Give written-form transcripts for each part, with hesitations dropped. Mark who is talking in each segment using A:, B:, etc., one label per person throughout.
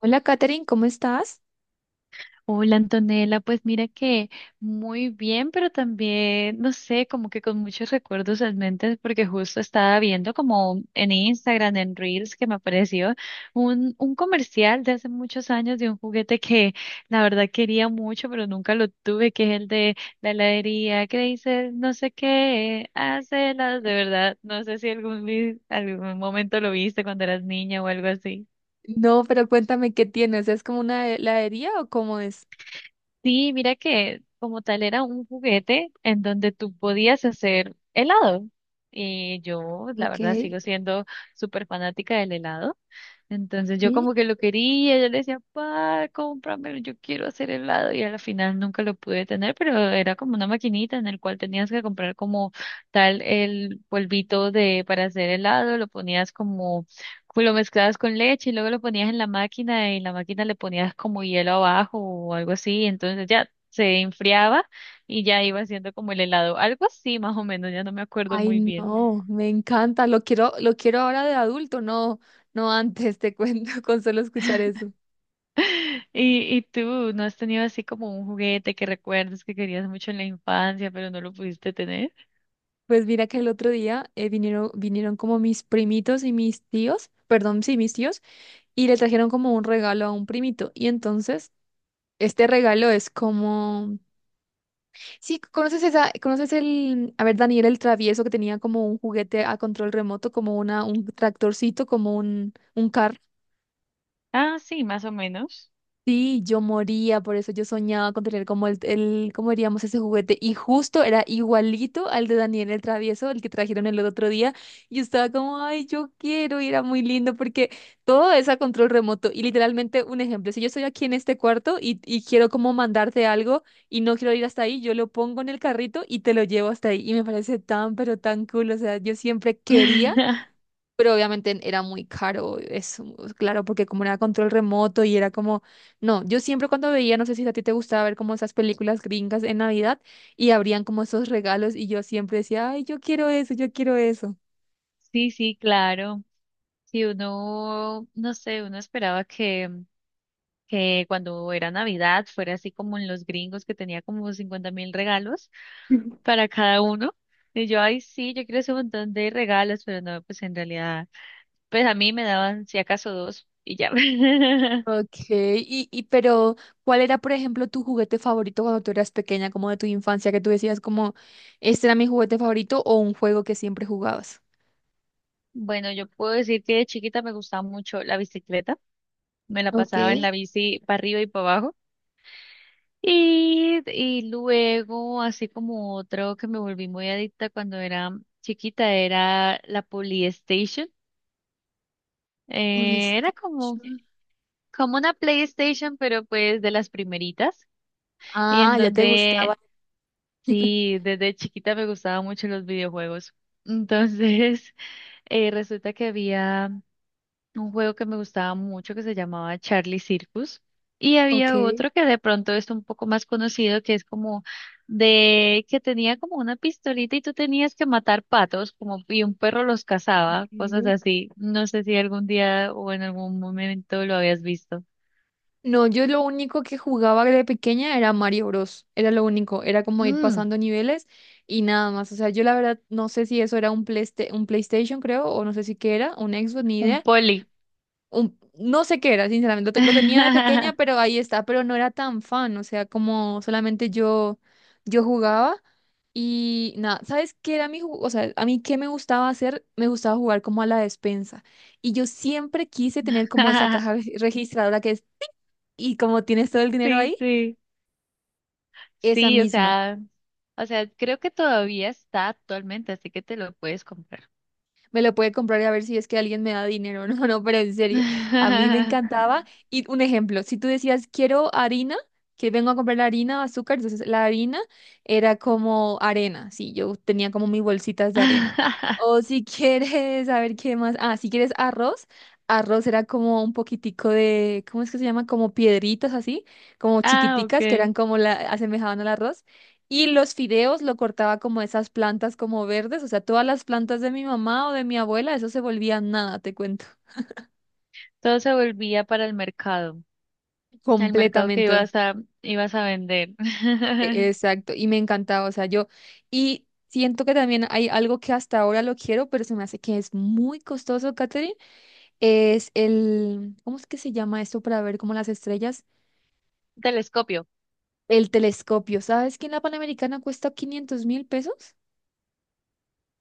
A: Hola, Katherine, ¿cómo estás?
B: Hola Antonella, pues mira que muy bien, pero también, no sé, como que con muchos recuerdos en mente, porque justo estaba viendo como en Instagram, en Reels, que me apareció un comercial de hace muchos años de un juguete que la verdad quería mucho, pero nunca lo tuve, que es el de la heladería, que dice no sé qué, hace las de verdad, no sé si algún momento lo viste cuando eras niña o algo así.
A: No, pero cuéntame qué tienes. ¿Es como una heladería o cómo es?
B: Sí, mira que como tal era un juguete en donde tú podías hacer helado. Y yo, la
A: Ok.
B: verdad, sigo siendo súper fanática del helado. Entonces yo
A: Sí.
B: como que lo quería, yo le decía, pa, cómpramelo, yo quiero hacer helado. Y al final nunca lo pude tener, pero era como una maquinita en el cual tenías que comprar como tal el polvito de para hacer helado, lo ponías como pues lo mezclabas con leche y luego lo ponías en la máquina y en la máquina le ponías como hielo abajo o algo así, entonces ya se enfriaba y ya iba haciendo como el helado, algo así más o menos, ya no me acuerdo
A: Ay,
B: muy bien.
A: no, me encanta. Lo quiero ahora de adulto, no, no antes, te cuento, con solo escuchar eso.
B: ¿Y tú no has tenido así como un juguete que recuerdes que querías mucho en la infancia, pero no lo pudiste tener?
A: Pues mira que el otro día vinieron como mis primitos y mis tíos, perdón, sí, mis tíos, y le trajeron como un regalo a un primito. Y entonces, este regalo es como. Sí, conoces esa, conoces el, a ver, Daniel el Travieso, que tenía como un juguete a control remoto, como una, un tractorcito, como un carro.
B: Ah, sí, más o menos.
A: Sí, yo moría, por eso yo soñaba con tener como el, ¿cómo diríamos ese juguete? Y justo era igualito al de Daniel el Travieso, el que trajeron el otro día. Y yo estaba como, ay, yo quiero, y era muy lindo porque todo es a control remoto. Y literalmente, un ejemplo, si yo estoy aquí en este cuarto y quiero como mandarte algo y no quiero ir hasta ahí, yo lo pongo en el carrito y te lo llevo hasta ahí. Y me parece tan, pero tan cool. O sea, yo siempre quería, pero obviamente era muy caro, es pues, claro, porque como era control remoto y era como, no, yo siempre cuando veía, no sé si a ti te gustaba ver como esas películas gringas en Navidad y abrían como esos regalos y yo siempre decía, ay, yo quiero eso, yo quiero eso.
B: Sí, sí, claro. Si uno, no sé, uno esperaba que cuando era Navidad fuera así como en los gringos que tenía como 50.000 regalos para cada uno. Y yo, ay, sí, yo quiero ese montón de regalos, pero no, pues en realidad, pues a mí me daban si acaso dos y ya.
A: Ok, y pero ¿cuál era, por ejemplo, tu juguete favorito cuando tú eras pequeña, como de tu infancia, que tú decías como, este era mi juguete favorito o un juego que siempre jugabas?
B: Bueno, yo puedo decir que de chiquita me gustaba mucho la bicicleta, me la
A: Ok.
B: pasaba en la bici para arriba y para abajo. Y luego, así como otro que me volví muy adicta cuando era chiquita, era la Polystation. Era como
A: PlayStation.
B: una PlayStation, pero pues de las primeritas, y en
A: Ah, ya te gustaba.
B: donde sí, desde chiquita me gustaban mucho los videojuegos. Entonces, resulta que había un juego que me gustaba mucho que se llamaba Charlie Circus y
A: Ok.
B: había otro que de pronto es un poco más conocido que es como de que tenía como una pistolita y tú tenías que matar patos como y un perro los cazaba, cosas
A: Ok.
B: así. No sé si algún día o en algún momento lo habías visto.
A: No, yo lo único que jugaba de pequeña era Mario Bros. Era lo único, era como ir pasando niveles y nada más. O sea, yo la verdad no sé si eso era un Playste- un PlayStation, creo, o no sé si qué era, un Xbox, ni
B: Un
A: idea.
B: poli.
A: Un, no sé qué era, sinceramente. Lo, te- lo tenía de pequeña, pero ahí está, pero no era tan fan. O sea, como solamente yo, yo jugaba y nada. ¿Sabes qué era mi ju- O sea, a mí qué me gustaba hacer? Me gustaba jugar como a la despensa. Y yo siempre quise tener como esa caja re- registradora que, y como tienes todo el dinero
B: Sí,
A: ahí,
B: sí.
A: esa
B: Sí, o
A: misma.
B: sea, o sea, creo que todavía está actualmente, así que te lo puedes comprar.
A: Me lo puede comprar y a ver si es que alguien me da dinero. No, no, pero en serio, a mí me encantaba. Y un ejemplo, si tú decías, quiero harina, que vengo a comprar la harina, azúcar, entonces la harina era como arena, sí, yo tenía como mis bolsitas de arena. O si quieres, a ver qué más, ah, si quieres arroz, arroz era como un poquitico de, ¿cómo es que se llama? Como piedritas así, como
B: Ah,
A: chiquiticas que
B: ok.
A: eran como la, asemejaban al arroz. Y los fideos lo cortaba como esas plantas como verdes, o sea, todas las plantas de mi mamá o de mi abuela, eso se volvía nada, te cuento,
B: Todo se volvía para el mercado que
A: completamente.
B: ibas a, ibas a vender.
A: E- Exacto, y me encantaba, o sea, yo, y siento que también hay algo que hasta ahora lo quiero, pero se me hace que es muy costoso, Katherine, es el, ¿cómo es que se llama esto para ver como las estrellas?
B: Un telescopio.
A: El telescopio, ¿sabes que en la Panamericana cuesta 500.000 pesos?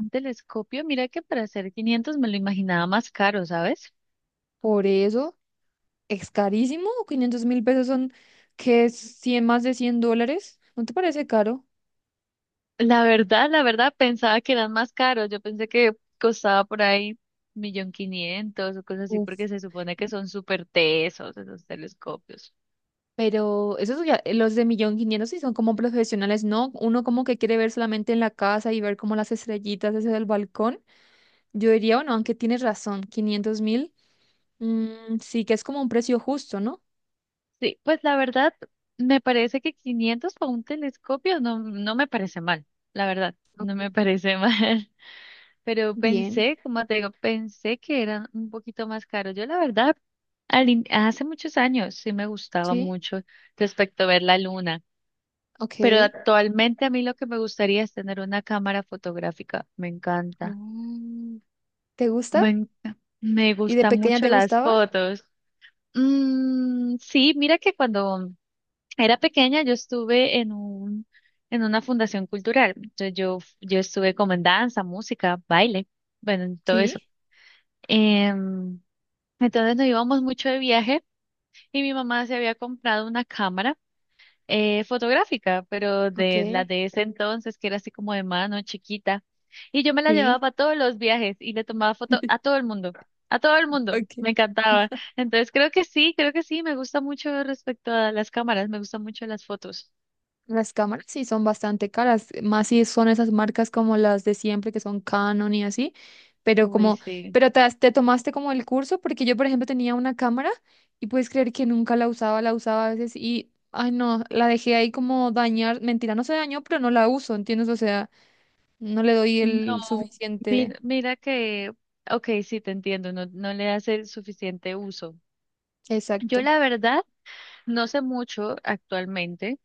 B: Un telescopio, mira que para hacer 500 me lo imaginaba más caro, ¿sabes?
A: Por eso, es carísimo. 500.000 pesos son, que es 100 más de 100 dólares. ¿No te parece caro?
B: La verdad, pensaba que eran más caros. Yo pensé que costaba por ahí 1.500.000 o cosas así,
A: Uf,
B: porque se supone que son súper tesos esos telescopios.
A: pero esos ya- los de 1.500.000 sí son como profesionales, ¿no? Uno como que quiere ver solamente en la casa y ver como las estrellitas desde el balcón. Yo diría, bueno, aunque tienes razón, 500.000, sí que es como un precio justo, ¿no?
B: Sí, pues la verdad, me parece que 500 para un telescopio no, no me parece mal. La verdad, no
A: Ok.
B: me parece mal. Pero
A: Bien,
B: pensé, como te digo, pensé que eran un poquito más caros. Yo la verdad, al in- hace muchos años sí me gustaba
A: sí,
B: mucho respecto a ver la luna. Pero
A: ok.
B: actualmente a mí lo que me gustaría es tener una cámara fotográfica. Me encanta.
A: Mm. ¿Te gusta?
B: Me
A: ¿Y de
B: gustan
A: pequeña
B: mucho
A: te
B: las
A: gustaba?
B: fotos. Mm, sí, mira que cuando era pequeña yo estuve en una fundación cultural. Entonces yo estuve como en danza, música, baile, bueno, en todo eso.
A: Sí,
B: Em, entonces nos íbamos mucho de viaje y mi mamá se había comprado una cámara fotográfica, pero
A: ok,
B: de la de ese entonces, que era así como de mano chiquita. Y yo me la llevaba
A: sí,
B: para todos los viajes y le tomaba foto a todo el mundo, a todo el mundo,
A: ok.
B: me encantaba. Entonces creo que sí, me gusta mucho respecto a las cámaras, me gustan mucho las fotos.
A: Las cámaras sí son bastante caras, más si son esas marcas como las de siempre que son Canon y así, pero
B: Uy,
A: como,
B: sí.
A: pero te, has- te tomaste como el curso, porque yo por ejemplo tenía una cámara y puedes creer que nunca la usaba, la usaba a veces y, ay no, la dejé ahí como dañar, mentira, no se dañó, pero no la uso, ¿entiendes? O sea, no le doy el
B: No,
A: suficiente.
B: mira, mira que, ok, sí, te entiendo, no, no le hace el suficiente uso. Yo
A: Exacto.
B: la verdad no sé mucho actualmente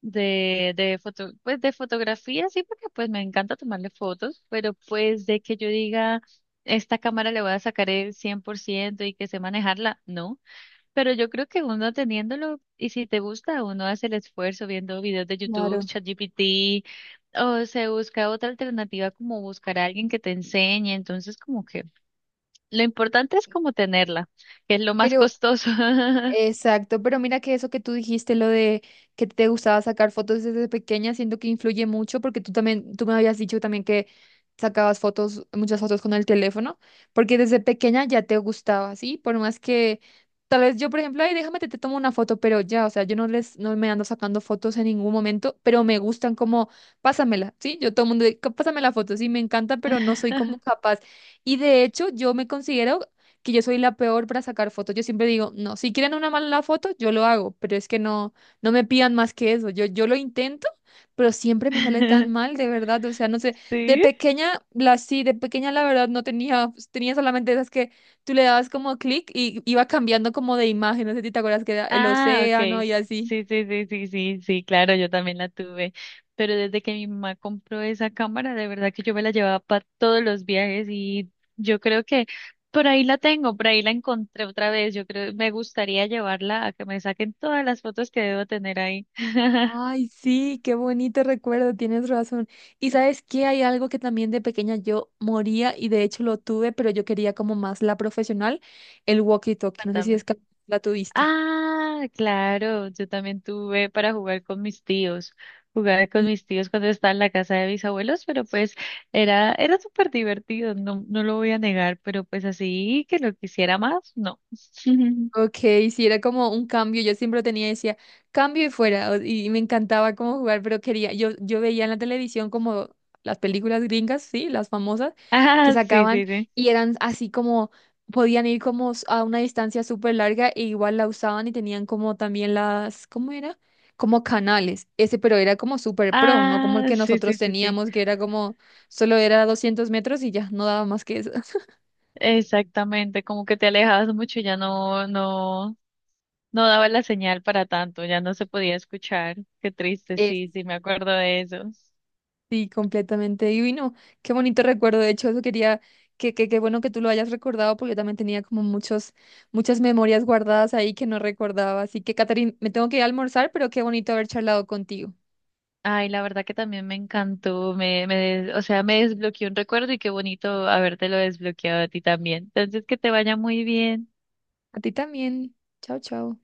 B: de foto, pues de fotografía, sí, porque pues me encanta tomarle fotos, pero pues de que yo diga, esta cámara le voy a sacar el 100% y que sé manejarla, no, pero yo creo que uno teniéndolo y si te gusta, uno hace el esfuerzo viendo videos de YouTube,
A: Claro.
B: ChatGPT, o se busca otra alternativa como buscar a alguien que te enseñe, entonces como que lo importante es como tenerla, que es lo más
A: Pero
B: costoso.
A: exacto, pero mira que eso que tú dijiste, lo de que te gustaba sacar fotos desde pequeña, siento que influye mucho porque tú también, tú me habías dicho también que sacabas fotos, muchas fotos con el teléfono, porque desde pequeña ya te gustaba, ¿sí? Por más que tal vez yo, por ejemplo, ay, déjame te, te tomo una foto, pero ya, o sea, yo no les, no me ando sacando fotos en ningún momento, pero me gustan como, pásamela, ¿sí? Yo todo el mundo, de, "Cá- pásame la foto, sí, me encanta, pero no soy como capaz. Y de hecho, yo me considero que yo soy la peor para sacar fotos. Yo siempre digo, no, si quieren una mala foto, yo lo hago, pero es que no, no me pidan más que eso. Yo lo intento, pero siempre me sale tan mal, de verdad. O sea, no sé, de
B: Sí.
A: pequeña, la sí, de pequeña la verdad no tenía, pues, tenía solamente esas que tú le dabas como clic y iba cambiando como de imagen. No sé si te acuerdas que era el
B: Ah,
A: océano
B: okay.
A: y así.
B: Sí, sí, sí, sí, sí, sí, claro, yo también la tuve. Pero desde que mi mamá compró esa cámara, de verdad que yo me la llevaba para todos los viajes y yo creo que por ahí la tengo, por ahí la encontré otra vez. Yo creo, me gustaría llevarla a que me saquen todas las fotos que debo tener ahí.
A: Ay, sí, qué bonito recuerdo, tienes razón. Y sabes que hay algo que también de pequeña yo moría y de hecho lo tuve, pero yo quería como más la profesional, el walkie-talkie. No sé si es
B: Cuéntame.
A: que la tuviste.
B: Ah, claro, yo también tuve para jugar con mis tíos. Jugaba con mis tíos cuando estaba en la casa de mis abuelos, pero pues era, era súper divertido, no, no lo voy a negar, pero pues así que lo quisiera más, no.
A: Ok, sí, era como un cambio, yo siempre lo tenía, decía, cambio y fuera, o- y me encantaba como jugar, pero quería, yo veía en la televisión como las películas gringas, sí, las famosas, que
B: Ah, sí,
A: sacaban
B: sí, sí.
A: y eran así como, podían ir como s- a una distancia súper larga e igual la usaban y tenían como también las, ¿cómo era? Como canales, ese, pero era como súper pro, no como el
B: Ah,
A: que
B: sí, sí,
A: nosotros
B: sí, sí.
A: teníamos, que era como, solo era 200 metros y ya, no daba más que eso.
B: Exactamente, como que te alejabas mucho, ya no, no, no daba la señal para tanto, ya no se podía escuchar. Qué triste, sí, sí, me acuerdo de eso.
A: Sí, completamente. Y uy, no, qué bonito recuerdo. De hecho, eso quería, que, qué bueno que tú lo hayas recordado, porque yo también tenía como muchos, muchas memorias guardadas ahí que no recordaba. Así que, Catherine, me tengo que ir a almorzar, pero qué bonito haber charlado contigo.
B: Ay, la verdad que también me encantó, o sea, me desbloqueó un recuerdo y qué bonito habértelo desbloqueado a ti también. Entonces, que te vaya muy bien.
A: A ti también. Chao, chao.